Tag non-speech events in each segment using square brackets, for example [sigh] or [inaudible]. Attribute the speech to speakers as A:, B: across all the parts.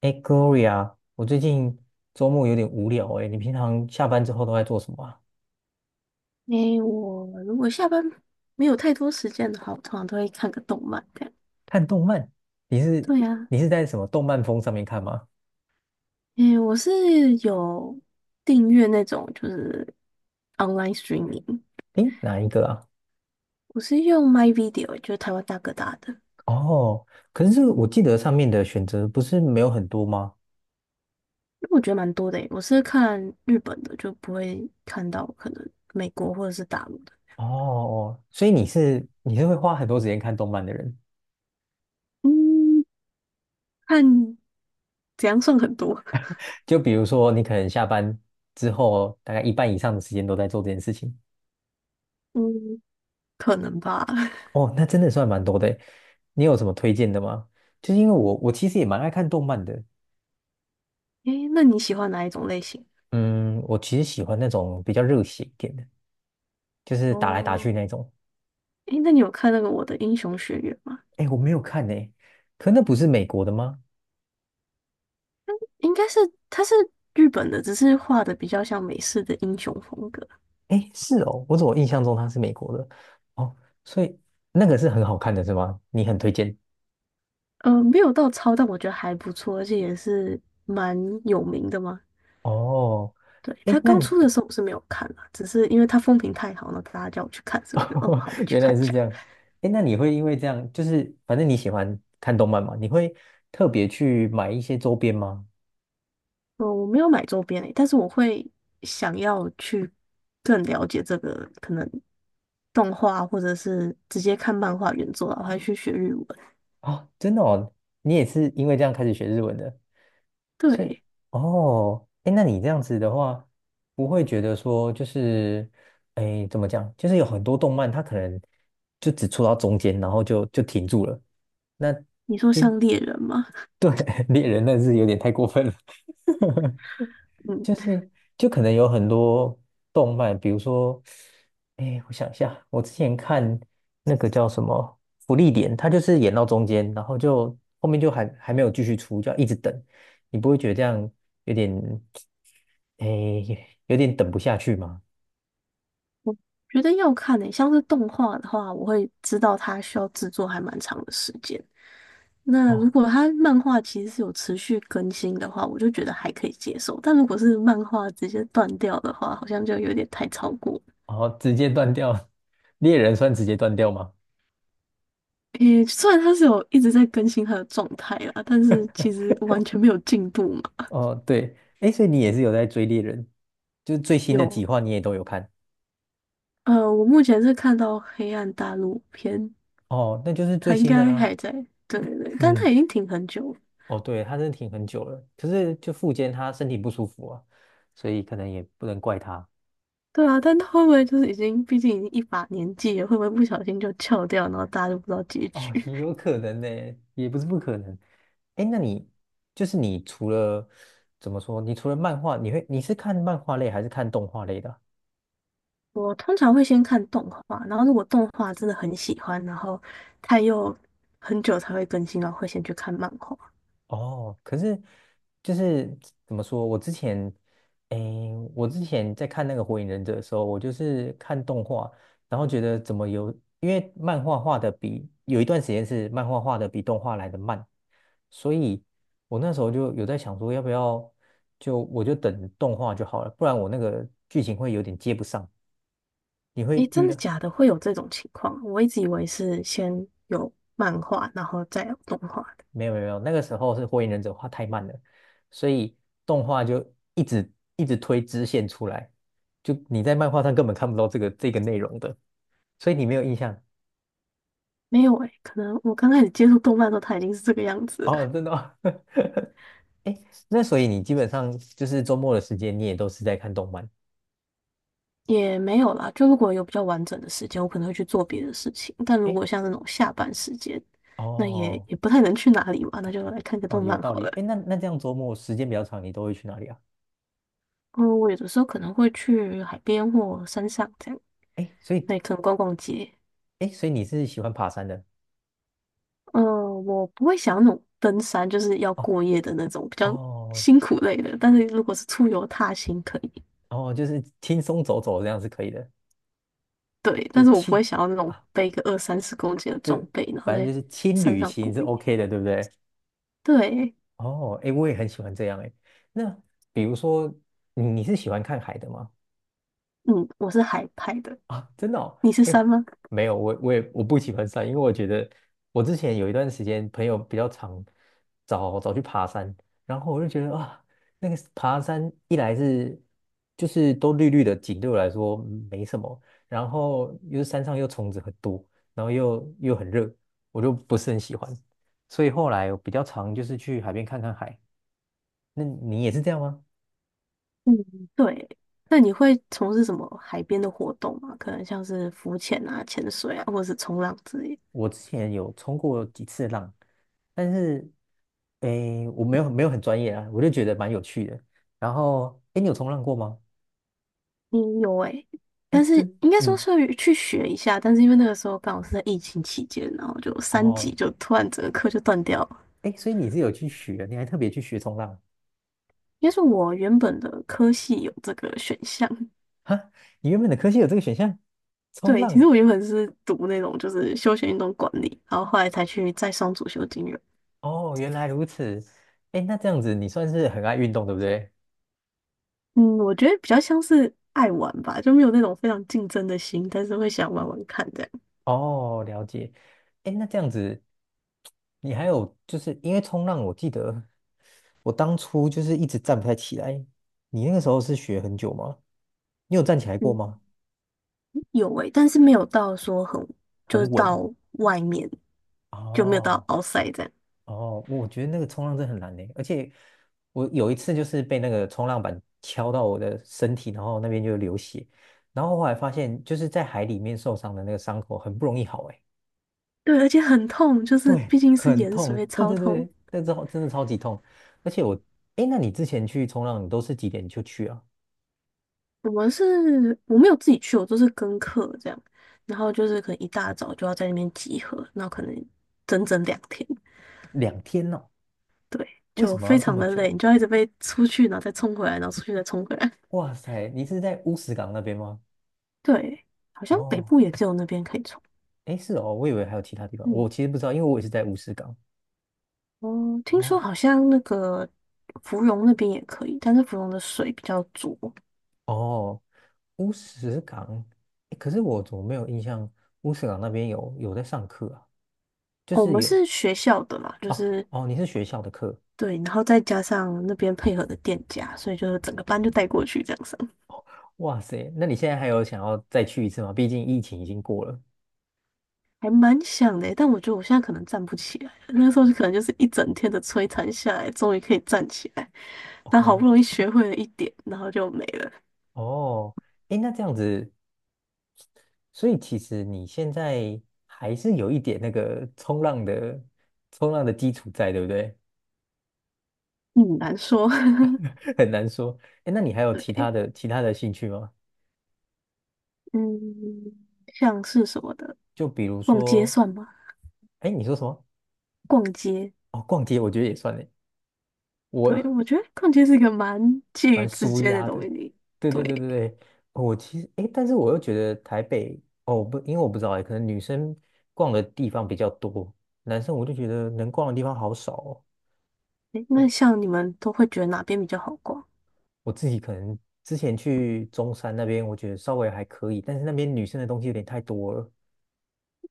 A: 哎，Gloria，我最近周末有点无聊哎，你平常下班之后都在做什么啊？
B: 诶，我如果下班没有太多时间的话，我通常都会看个动漫这样。
A: 看动漫？你是
B: 对呀，
A: 你是在什么动漫风上面看吗？
B: 诶，我是有订阅那种就是 online streaming，
A: 哎，哪一个啊？
B: 我是用 My Video，就是台湾大哥大的，
A: 哦，可是这个我记得上面的选择不是没有很多吗？
B: 因为我觉得蛮多的诶。我是看日本的，就不会看到可能美国或者是大陆的。
A: 哦，所以你是会花很多时间看动漫的人，
B: 嗯，看怎样算很多？[laughs]
A: 就比如说你可能下班之后大概一半以上的时间都在做这件事情。
B: 嗯，可能吧。[laughs]
A: 哦，那真的算蛮多的诶。你有什么推荐的吗？就是因为我其实也蛮爱看动漫的，
B: 诶，那你喜欢哪一种类型？
A: 嗯，我其实喜欢那种比较热血一点的，就是打来打
B: 哦，
A: 去那种。
B: 诶，那你有看那个《我的英雄学院》吗？
A: 哎，我没有看呢，可那不是美国的吗？
B: 应该是它是日本的，只是画的比较像美式的英雄风格。
A: 哎，是哦，我怎么印象中它是美国的？哦，所以那个是很好看的是吗？你很推荐
B: 没有到超，但我觉得还不错，而且也是蛮有名的嘛。
A: 哦。
B: 对，它
A: 哎，那
B: 刚
A: 你
B: 出的时候我是没有看啦，只是因为它风评太好了，大家叫我去看，所以我就好，我
A: [laughs]
B: 去
A: 原来
B: 看一
A: 是
B: 下。
A: 这样。哎，那你会因为这样，就是反正你喜欢看动漫嘛，你会特别去买一些周边吗？
B: 我没有买周边诶，但是我会想要去更了解这个可能动画，或者是直接看漫画原作啊，我还去学日文。
A: 啊，真的哦，你也是因为这样开始学日文的。所以，
B: 对，
A: 哦，哎，那你这样子的话，不会觉得说就是，哎，怎么讲？就是有很多动漫，它可能就只出到中间，然后就停住了。那
B: 你说
A: 就
B: 像猎人吗？
A: 对 [laughs] 猎人那是有点太过分了。[laughs]
B: 嗯。
A: 就是可能有很多动漫，比如说，哎，我想一下，我之前看那个叫什么《福利点》，它就是演到中间，然后就后面就还没有继续出，就要一直等，你不会觉得这样有点，哎，有点等不下去吗？
B: 觉得要看诶、像是动画的话，我会知道它需要制作还蛮长的时间。那如
A: 哦，
B: 果它漫画其实是有持续更新的话，我就觉得还可以接受。但如果是漫画直接断掉的话，好像就有点太超过。
A: 哦，直接断掉，[laughs] 猎人算直接断掉吗？
B: 诶、虽然它是有一直在更新它的状态啦，但是其实完全没有进步嘛。
A: 哦，对，哎，所以你也是有在追猎人，就是最新的
B: 有，
A: 几话你也都有看，
B: 我目前是看到《黑暗大陆》篇，
A: 哦，那就是最
B: 它应
A: 新的
B: 该
A: 啦。
B: 还在。对对对，但
A: 嗯。
B: 它已经停很久了。
A: 哦，对，他真的挺很久了，可是就复健他身体不舒服啊，所以可能也不能怪他。
B: 对啊，但他会不会就是已经，毕竟已经一把年纪了，会不会不小心就翘掉，然后大家就不知道结局？
A: 哦，也有可能呢，也不是不可能。哎，那你就是你除了怎么说，你除了漫画，你是看漫画类还是看动画类的啊？
B: [laughs] 我通常会先看动画，然后如果动画真的很喜欢，然后它又很久才会更新，然后会先去看漫画。
A: 哦，可是就是怎么说，我之前在看那个《火影忍者》的时候，我就是看动画，然后觉得怎么有，因为漫画画的比有一段时间是漫画画的比动画来的慢，所以我那时候就有在想说，要不要我就等动画就好了，不然我那个剧情会有点接不上。你
B: 诶，
A: 会
B: 真
A: 遇
B: 的
A: 到
B: 假的？会有这种情况？我一直以为是先有漫画，然后再有动画的，
A: 没有没有没有，那个时候是《火影忍者》画太慢了，所以动画就一直一直推支线出来，就你在漫画上根本看不到这个内容的，所以你没有印象
B: 没有诶，可能我刚开始接触动漫的时候，它已经是这个样子
A: 哦，
B: 了
A: 真的哦。[laughs] 哎那所以你基本上就是周末的时间，你也都是在看动漫。
B: 也没有啦，就如果有比较完整的时间，我可能会去做别的事情。但如
A: 哎，
B: 果像那种下班时间，那也
A: 哦
B: 也不太能去哪里嘛，那就来看个
A: 哦，
B: 动
A: 有
B: 漫
A: 道
B: 好
A: 理。
B: 了。
A: 哎，那这样周末时间比较长，你都会去哪里啊？
B: 嗯，我有的时候可能会去海边或山上这样，
A: 哎，所以
B: 那也可能逛逛街。
A: 哎，所以你是喜欢爬山的？
B: 嗯，我不会想要那种登山，就是要
A: 哦
B: 过夜的那种比较
A: 哦
B: 辛苦类的。但是如果是出游踏行可以，
A: 哦，就是轻松走走这样是可以的，
B: 对，
A: 就
B: 但
A: 是
B: 是我不会
A: 轻
B: 想要那
A: [laughs]
B: 种
A: 啊。
B: 背个二三十公斤的
A: 这
B: 装备，然后
A: 反正就
B: 在
A: 是轻
B: 山
A: 旅
B: 上
A: 行
B: 过
A: 是
B: 夜。
A: OK 的，对不对？
B: 对，
A: 哦，哎，我也很喜欢这样哎。那比如说，你是喜欢看海的吗？
B: 嗯，我是海派的。
A: 啊，真的哦，
B: 你是
A: 哎，
B: 山吗？
A: 没有，我不喜欢山，因为我觉得我之前有一段时间朋友比较常找去爬山，然后我就觉得啊，那个爬山一来是就是都绿绿的景，对我来说没什么，然后又是山上又虫子很多，然后又很热，我就不是很喜欢，所以后来我比较常就是去海边看看海。那你也是这样吗？
B: 嗯，对。那你会从事什么海边的活动吗？可能像是浮潜啊、潜水啊，或者是冲浪之类的。
A: 我之前有冲过几次浪，但是我没有很专业啊，我就觉得蛮有趣的。然后，诶，你有冲浪过吗？
B: 嗯，有诶、但
A: 诶，
B: 是
A: 真，
B: 应该说
A: 嗯，
B: 是去学一下，但是因为那个时候刚好是在疫情期间，然后就三
A: 哦，
B: 级就突然整个课就断掉了。
A: 诶，所以你是有去学，你还特别去学冲浪
B: 应该是我原本的科系有这个选项，
A: 哈？你原本的科系有这个选项，冲
B: 对，其实
A: 浪。
B: 我原本是读那种就是休闲运动管理，然后后来才去再上主修金融。
A: 哦，原来如此。诶，那这样子你算是很爱运动，对不对？
B: 嗯，我觉得比较像是爱玩吧，就没有那种非常竞争的心，但是会想玩玩看这样。
A: 哦，了解。诶，那这样子，你还有就是因为冲浪，我记得我当初就是一直站不太起来。你那个时候是学很久吗？你有站起来过
B: 嗯，
A: 吗？
B: 有诶，但是没有到说很，就是
A: 很稳。
B: 到外面就没有到
A: 哦
B: outside 这样。
A: 哦，我觉得那个冲浪真的很难呢，而且我有一次就是被那个冲浪板敲到我的身体，然后那边就流血，然后后来发现就是在海里面受伤的那个伤口很不容易好，哎，
B: 对，而且很痛，就是
A: 对，
B: 毕竟是
A: 很
B: 盐水，
A: 痛，
B: 会
A: 对
B: 超
A: 对对，
B: 痛。
A: 之是真的超级痛，而且我，哎，那你之前去冲浪，你都是几点就去啊？
B: 我们是我没有自己去，我都是跟课这样，然后就是可能一大早就要在那边集合，那可能整整2天，
A: 2天哦，
B: 对，
A: 为
B: 就
A: 什么要
B: 非
A: 这
B: 常
A: 么
B: 的
A: 久
B: 累，
A: 啊？
B: 你就要一直被出去，然后再冲回来，然后出去再冲回来。
A: 哇塞，你是在乌石港那边吗？
B: 对，好像北
A: 哦，
B: 部也只有那边可以冲。
A: 哎，是哦，我以为还有其他地方，
B: 嗯，
A: 我其实不知道，因为我也是在乌石港。
B: 哦，听
A: 哦。
B: 说好像那个芙蓉那边也可以，但是芙蓉的水比较浊。
A: 哦，乌石港，诶可是我怎么没有印象乌石港那边有在上课啊？就
B: 哦我
A: 是
B: 们
A: 有
B: 是学校的嘛，就
A: 哦
B: 是
A: 哦，你是学校的课，
B: 对，然后再加上那边配合的店家，所以就是整个班就带过去这样上，
A: 哇塞，那你现在还有想要再去一次吗？毕竟疫情已经过了。
B: 还蛮想的欸。但我觉得我现在可能站不起来了，那时候就可能就是一整天的摧残下来，终于可以站起来，但好不
A: 哦
B: 容易学会了一点，然后就没了，
A: 哦，诶，那这样子，所以其实你现在还是有一点那个冲浪的基础在，对不对？
B: 嗯，难说。[laughs]
A: [laughs] 很难说。诶，那你还有其他
B: 对，
A: 的其他的兴趣吗？
B: 嗯，像是什么的。
A: 就比如
B: 逛街
A: 说，
B: 算吗？
A: 诶，你说什么？
B: 逛街，
A: 哦，逛街，我觉得也算诶。
B: 对，
A: 我
B: 我觉得逛街是一个蛮介于
A: 蛮
B: 之
A: 舒
B: 间的
A: 压
B: 东
A: 的。
B: 西。
A: 对对对
B: 对，
A: 对对，哦我其实诶，但是我又觉得台北哦，我不，因为我不知道诶，可能女生逛的地方比较多，男生我就觉得能逛的地方好少哦。
B: 诶
A: 我
B: 那像你们都会觉得哪边比较好逛？
A: 我自己可能之前去中山那边，我觉得稍微还可以，但是那边女生的东西有点太多了。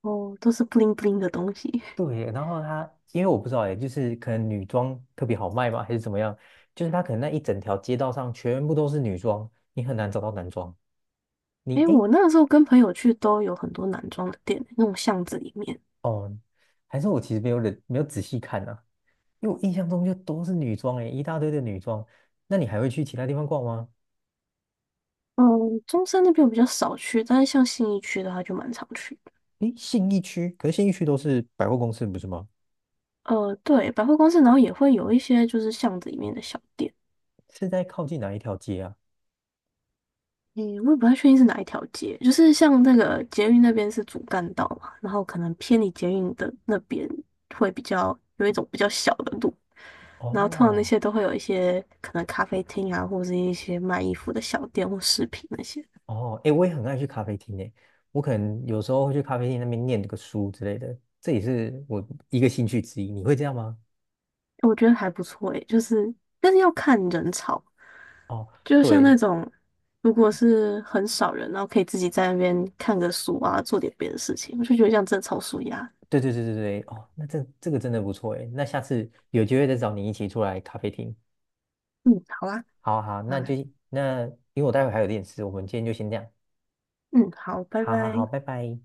B: 哦，都是 b 灵 i 灵的东西。
A: 对，然后它因为我不知道诶，就是可能女装特别好卖嘛，还是怎么样？就是它可能那一整条街道上全部都是女装，你很难找到男装。你
B: 诶，
A: 哎，
B: 我那个时候跟朋友去都有很多男装的店，那种巷子里面。
A: 哦，还是我其实没有仔细看啊，因为我印象中就都是女装诶，一大堆的女装。那你还会去其他地方逛吗？
B: 嗯，中山那边我比较少去，但是像信义区的话就蛮常去的。
A: 诶，信义区，可是信义区都是百货公司，不是吗？
B: 对，百货公司，然后也会有一些就是巷子里面的小店。
A: 是在靠近哪一条街啊？
B: 嗯，我也不太确定是哪一条街，就是像那个捷运那边是主干道嘛，然后可能偏离捷运的那边会比较有一种比较小的路，然后通常那
A: 哦
B: 些都会有一些可能咖啡厅啊，或者是一些卖衣服的小店或饰品那些，
A: 哦，诶，我也很爱去咖啡厅诶，我可能有时候会去咖啡厅那边念个书之类的，这也是我一个兴趣之一。你会这样吗？
B: 我觉得还不错诶，就是但是要看人潮，
A: 哦，
B: 就像
A: 对
B: 那种如果是很少人，然后可以自己在那边看个书啊，做点别的事情，我就觉得像正超舒压。
A: 对对对对对，哦，那这个真的不错诶，那下次有机会再找你一起出来咖啡厅。
B: 嗯，好啊，
A: 好好，那
B: 啊，
A: 就那因为我待会还有点事，我们今天就先这样。
B: 嗯，好，拜
A: 好好好，
B: 拜。
A: 拜拜。